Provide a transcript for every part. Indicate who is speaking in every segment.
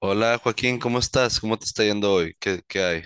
Speaker 1: Hola Joaquín, ¿cómo estás? ¿Cómo te está yendo hoy? ¿Qué hay?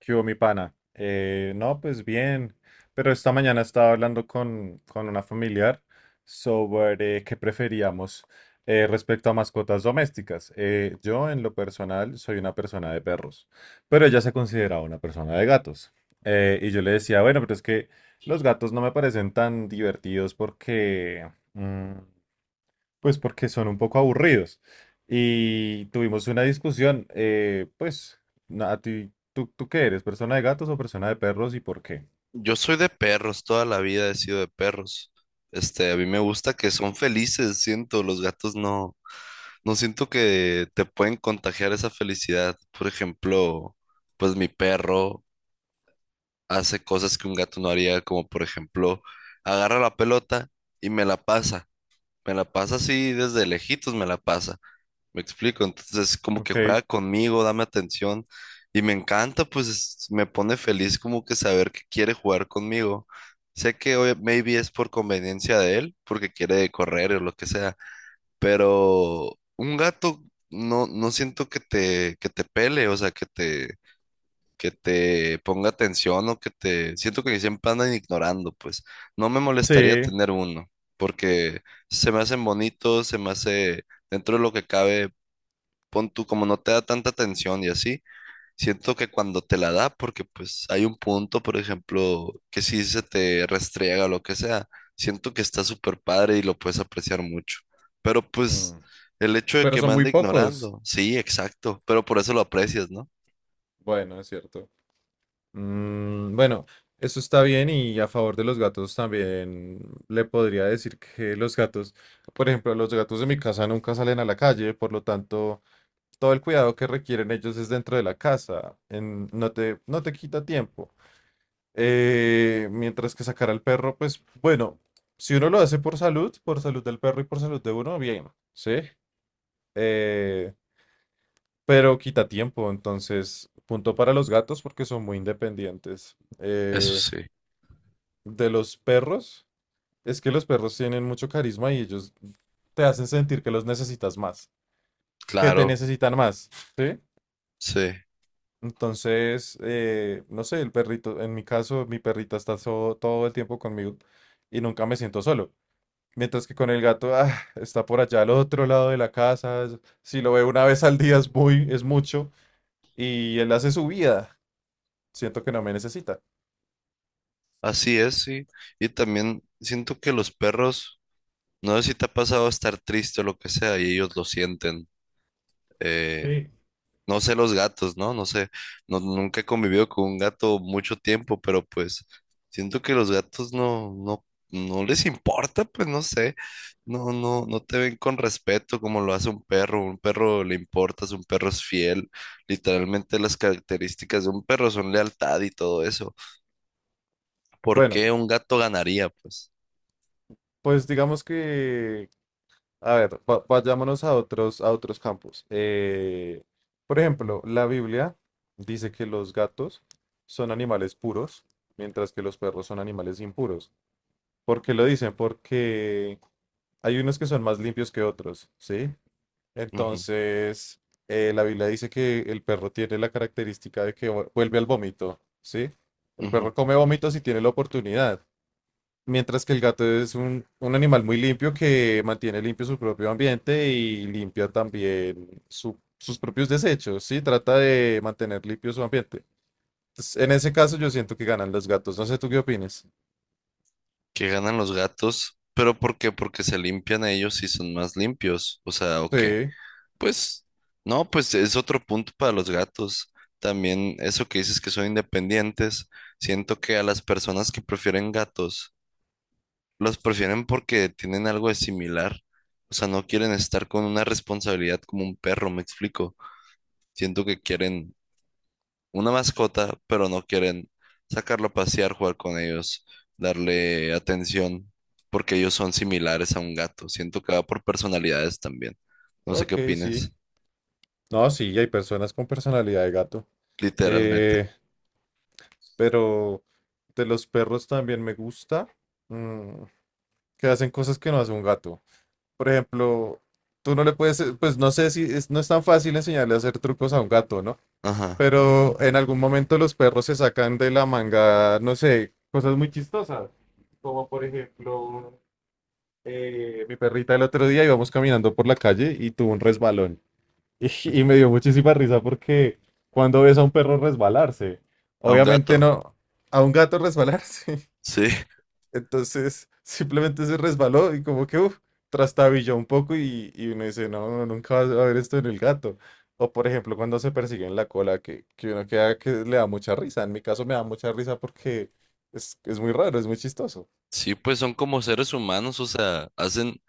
Speaker 2: ¿Qué hubo, mi pana? No, pues bien, pero esta mañana estaba hablando con una familiar sobre qué preferíamos respecto a mascotas domésticas. Yo, en lo personal, soy una persona de perros, pero ella se consideraba una persona de gatos. Y yo le decía, bueno, pero es que los gatos no me parecen tan divertidos porque pues porque son un poco aburridos. Y tuvimos una discusión, pues, a ti, ¿tú qué eres? ¿Persona de gatos o persona de perros y por qué?
Speaker 1: Yo soy de perros, toda la vida he sido de perros. Este, a mí me gusta que son felices, siento, los gatos no, no siento que te pueden contagiar esa felicidad. Por ejemplo, pues mi perro hace cosas que un gato no haría, como por ejemplo, agarra la pelota y me la pasa. Me la pasa así desde lejitos, me la pasa. Me explico, entonces como que
Speaker 2: Ok.
Speaker 1: juega conmigo, dame atención y me encanta, pues me pone feliz como que saber que quiere jugar conmigo. Sé que hoy maybe es por conveniencia de él, porque quiere correr o lo que sea, pero un gato no, no siento que te pele, o sea, que te ponga atención o que te... Siento que siempre andan ignorando, pues no me molestaría
Speaker 2: Sí.
Speaker 1: tener uno, porque se me hacen bonitos, se me hace dentro de lo que cabe pon tú, como no te da tanta atención y así, siento que cuando te la da, porque pues hay un punto, por ejemplo, que si se te restriega o lo que sea, siento que está súper padre y lo puedes apreciar mucho. Pero pues
Speaker 2: mm,
Speaker 1: el hecho de
Speaker 2: Pero
Speaker 1: que me
Speaker 2: son muy
Speaker 1: ande
Speaker 2: pocos.
Speaker 1: ignorando, sí, exacto, pero por eso lo aprecias, ¿no?
Speaker 2: Bueno, es cierto. Mm, bueno, eso está bien y a favor de los gatos también le podría decir que los gatos, por ejemplo, los gatos de mi casa nunca salen a la calle, por lo tanto, todo el cuidado que requieren ellos es dentro de la casa. No te quita tiempo. Mientras que sacar al perro, pues bueno, si uno lo hace por salud del perro y por salud de uno, bien, ¿sí? Eh, pero quita tiempo, entonces, punto para los gatos porque son muy independientes.
Speaker 1: Eso sí,
Speaker 2: De los perros, es que los perros tienen mucho carisma y ellos te hacen sentir que los necesitas más, que te
Speaker 1: claro,
Speaker 2: necesitan más, ¿sí?
Speaker 1: sí,
Speaker 2: Entonces, no sé, el perrito, en mi caso, mi perrita está todo el tiempo conmigo y nunca me siento solo. Mientras que con el gato, ah, está por allá al otro lado de la casa. Si lo veo una vez al día es muy, es mucho. Y él hace su vida. Siento que no me necesita.
Speaker 1: así es, sí. Y también siento que los perros, no sé si te ha pasado estar triste o lo que sea, y ellos lo sienten. eh,
Speaker 2: Sí.
Speaker 1: No sé los gatos, ¿no? No sé, no, nunca he convivido con un gato mucho tiempo, pero pues siento que los gatos no les importa, pues no sé, no te ven con respeto como lo hace un perro le importas, un perro es fiel, literalmente las características de un perro son lealtad y todo eso. ¿Por
Speaker 2: Bueno,
Speaker 1: qué un gato ganaría, pues?
Speaker 2: pues digamos que, a ver, vayámonos a otros campos. Por ejemplo, la Biblia dice que los gatos son animales puros, mientras que los perros son animales impuros. ¿Por qué lo dicen? Porque hay unos que son más limpios que otros, ¿sí?
Speaker 1: Ujú,
Speaker 2: Entonces, la Biblia dice que el perro tiene la característica de que vuelve al vómito, ¿sí? El
Speaker 1: ujú.
Speaker 2: perro come vómito si tiene la oportunidad, mientras que el gato es un animal muy limpio que mantiene limpio su propio ambiente y limpia también sus propios desechos, ¿sí? Trata de mantener limpio su ambiente. Entonces, en ese caso yo siento que ganan los gatos, no sé tú qué opinas.
Speaker 1: ¿Qué ganan los gatos? ¿Pero por qué? Porque se limpian ellos y son más limpios, o sea, ok.
Speaker 2: Sí,
Speaker 1: Pues, no, pues es otro punto para los gatos. También eso que dices que son independientes, siento que a las personas que prefieren gatos, los prefieren porque tienen algo de similar. O sea, no quieren estar con una responsabilidad como un perro, me explico. Siento que quieren una mascota, pero no quieren sacarlo a pasear, jugar con ellos, darle atención, porque ellos son similares a un gato. Siento que va por personalidades también. No sé
Speaker 2: ok,
Speaker 1: qué opines,
Speaker 2: sí. No, sí, hay personas con personalidad de gato.
Speaker 1: literalmente.
Speaker 2: Eh, Pero de los perros también me gusta mm, que hacen cosas que no hace un gato. Por ejemplo, tú no le puedes, pues no sé si no es tan fácil enseñarle a hacer trucos a un gato, ¿no?
Speaker 1: Ajá.
Speaker 2: Pero en algún momento los perros se sacan de la manga, no sé, cosas muy chistosas. Como por ejemplo, mi perrita el otro día íbamos caminando por la calle y tuvo un resbalón. Y
Speaker 1: Ujú.
Speaker 2: me dio muchísima risa porque cuando ves a un perro resbalarse,
Speaker 1: A un
Speaker 2: obviamente
Speaker 1: gato,
Speaker 2: no, a un gato resbalarse.
Speaker 1: sí.
Speaker 2: Entonces simplemente se resbaló y como que uf, trastabilló un poco y uno dice, no, no, nunca vas a ver esto en el gato. O por ejemplo, cuando se persiguen la cola, que uno queda que le da mucha risa. En mi caso me da mucha risa porque es muy raro, es muy chistoso.
Speaker 1: Sí, pues son como seres humanos, o sea, hacen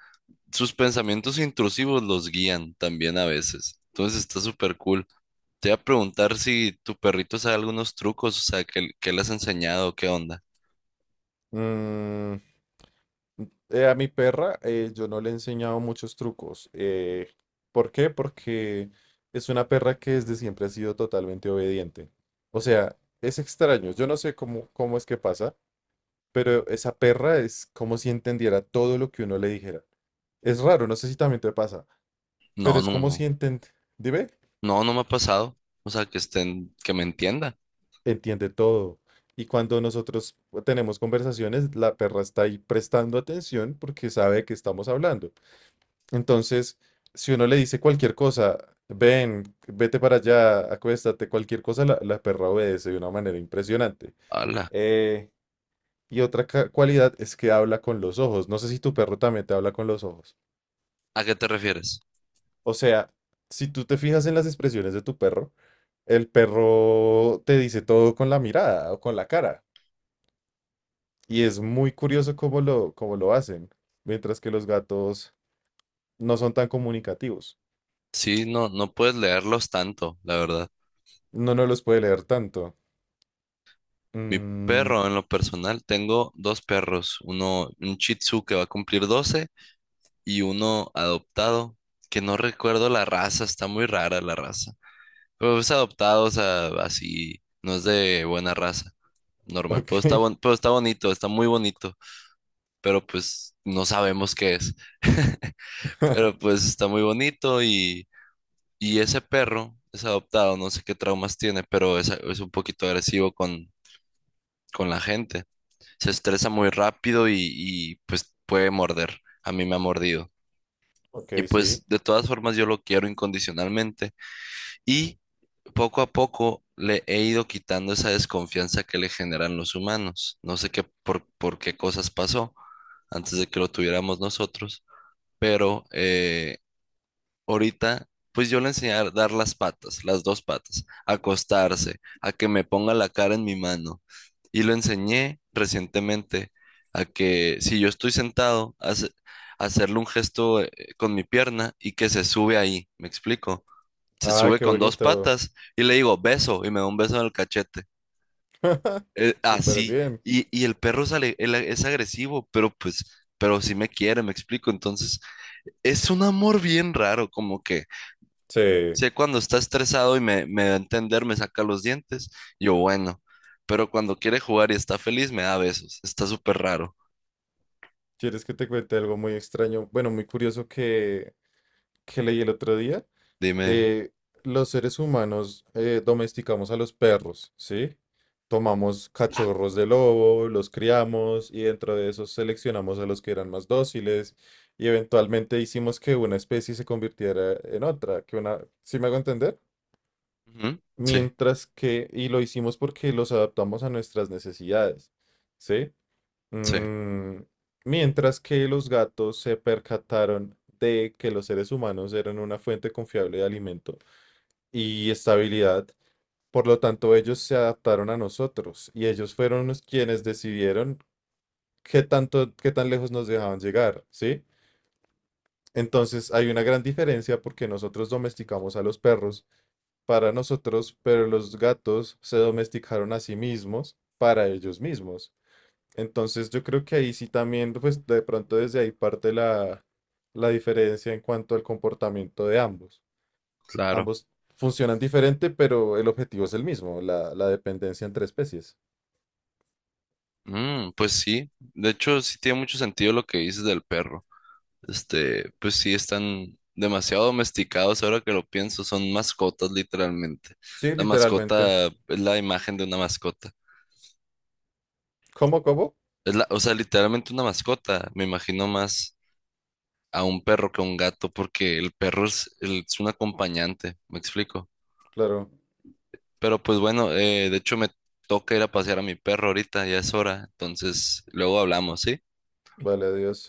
Speaker 1: sus pensamientos intrusivos los guían también a veces. Entonces está súper cool. Te iba a preguntar si tu perrito sabe algunos trucos, o sea, que le has enseñado, qué onda.
Speaker 2: Mm, a mi perra yo no le he enseñado muchos trucos. ¿Por qué? Porque es una perra que desde siempre ha sido totalmente obediente. O sea, es extraño. Yo no sé cómo es que pasa, pero esa perra es como si entendiera todo lo que uno le dijera. Es raro, no sé si también te pasa, pero
Speaker 1: No,
Speaker 2: es
Speaker 1: no,
Speaker 2: como si
Speaker 1: no.
Speaker 2: entendiera, dime,
Speaker 1: No, no me ha pasado. O sea, que estén, que me entienda.
Speaker 2: entiende todo. Y cuando nosotros tenemos conversaciones, la perra está ahí prestando atención porque sabe que estamos hablando. Entonces, si uno le dice cualquier cosa, ven, vete para allá, acuéstate, cualquier cosa, la perra obedece de una manera impresionante.
Speaker 1: Hala.
Speaker 2: Eh, y otra cualidad es que habla con los ojos. No sé si tu perro también te habla con los ojos.
Speaker 1: ¿A qué te refieres?
Speaker 2: O sea, si tú te fijas en las expresiones de tu perro, el perro te dice todo con la mirada o con la cara. Y es muy curioso cómo lo hacen, mientras que los gatos no son tan comunicativos.
Speaker 1: Sí, no, no puedes leerlos tanto, la verdad.
Speaker 2: No, no los puede leer tanto.
Speaker 1: Mi
Speaker 2: Mm.
Speaker 1: perro, en lo personal, tengo dos perros. Uno, un Shih Tzu que va a cumplir 12 y uno adoptado, que no recuerdo la raza, está muy rara la raza. Pero es adoptado, o sea, así, no es de buena raza, normal.
Speaker 2: Ok.
Speaker 1: Pero pero está bonito, está muy bonito, pero pues no sabemos qué es. Pero pues está muy bonito y ese perro es adoptado, no sé qué traumas tiene, pero es un poquito agresivo con la gente. Se estresa muy rápido y pues puede morder. A mí me ha mordido. Y
Speaker 2: Ok, sí.
Speaker 1: pues de todas formas yo lo quiero incondicionalmente. Y poco a poco le he ido quitando esa desconfianza que le generan los humanos. No sé qué por qué cosas pasó antes de que lo tuviéramos nosotros, pero ahorita, pues yo le enseñé a dar las patas, las dos patas, a acostarse, a que me ponga la cara en mi mano. Y lo enseñé recientemente a que si yo estoy sentado, hacerle un gesto con mi pierna y que se sube ahí, ¿me explico? Se
Speaker 2: Ah,
Speaker 1: sube
Speaker 2: qué
Speaker 1: con dos
Speaker 2: bonito.
Speaker 1: patas y le digo, beso, y me da un beso en el cachete.
Speaker 2: Súper
Speaker 1: Así.
Speaker 2: bien.
Speaker 1: Y el perro sale, él es agresivo, pero pues, pero sí me quiere, me explico. Entonces, es un amor bien raro, como que
Speaker 2: Sí.
Speaker 1: sé cuando está estresado me da a entender, me saca los dientes, yo bueno, pero cuando quiere jugar y está feliz, me da besos. Está súper raro.
Speaker 2: ¿Quieres que te cuente algo muy extraño? Bueno, muy curioso que leí el otro día.
Speaker 1: Dime, dime.
Speaker 2: Eh, los seres humanos domesticamos a los perros, ¿sí? Tomamos cachorros de lobo, los criamos y dentro de esos seleccionamos a los que eran más dóciles y eventualmente hicimos que una especie se convirtiera en otra, que una, ¿sí me hago entender?
Speaker 1: Ujú, sí,
Speaker 2: Mientras que, y lo hicimos porque los adaptamos a nuestras necesidades, ¿sí?
Speaker 1: sí,
Speaker 2: Mm, Mientras que los gatos se percataron de que los seres humanos eran una fuente confiable de alimento y estabilidad, por lo tanto ellos se adaptaron a nosotros y ellos fueron los quienes decidieron qué tanto, qué tan lejos nos dejaban llegar, ¿sí? Entonces hay una gran diferencia porque nosotros domesticamos a los perros para nosotros, pero los gatos se domesticaron a sí mismos para ellos mismos. Entonces yo creo que ahí sí también, pues de pronto desde ahí parte la diferencia en cuanto al comportamiento de ambos.
Speaker 1: claro.
Speaker 2: Ambos funcionan diferente, pero el objetivo es el mismo, la dependencia entre especies.
Speaker 1: Mm, pues sí, de hecho sí tiene mucho sentido lo que dices del perro. Este, pues sí, están demasiado domesticados ahora que lo pienso, son mascotas literalmente.
Speaker 2: Sí,
Speaker 1: La
Speaker 2: literalmente.
Speaker 1: mascota es la imagen de una mascota.
Speaker 2: ¿Cómo?
Speaker 1: Es la, o sea, literalmente una mascota. Me imagino más a un perro que a un gato porque el perro es un acompañante, me explico.
Speaker 2: Claro.
Speaker 1: Pero pues bueno, de hecho me toca ir a pasear a mi perro ahorita, ya es hora. Entonces, luego hablamos, ¿sí?
Speaker 2: Vale, adiós.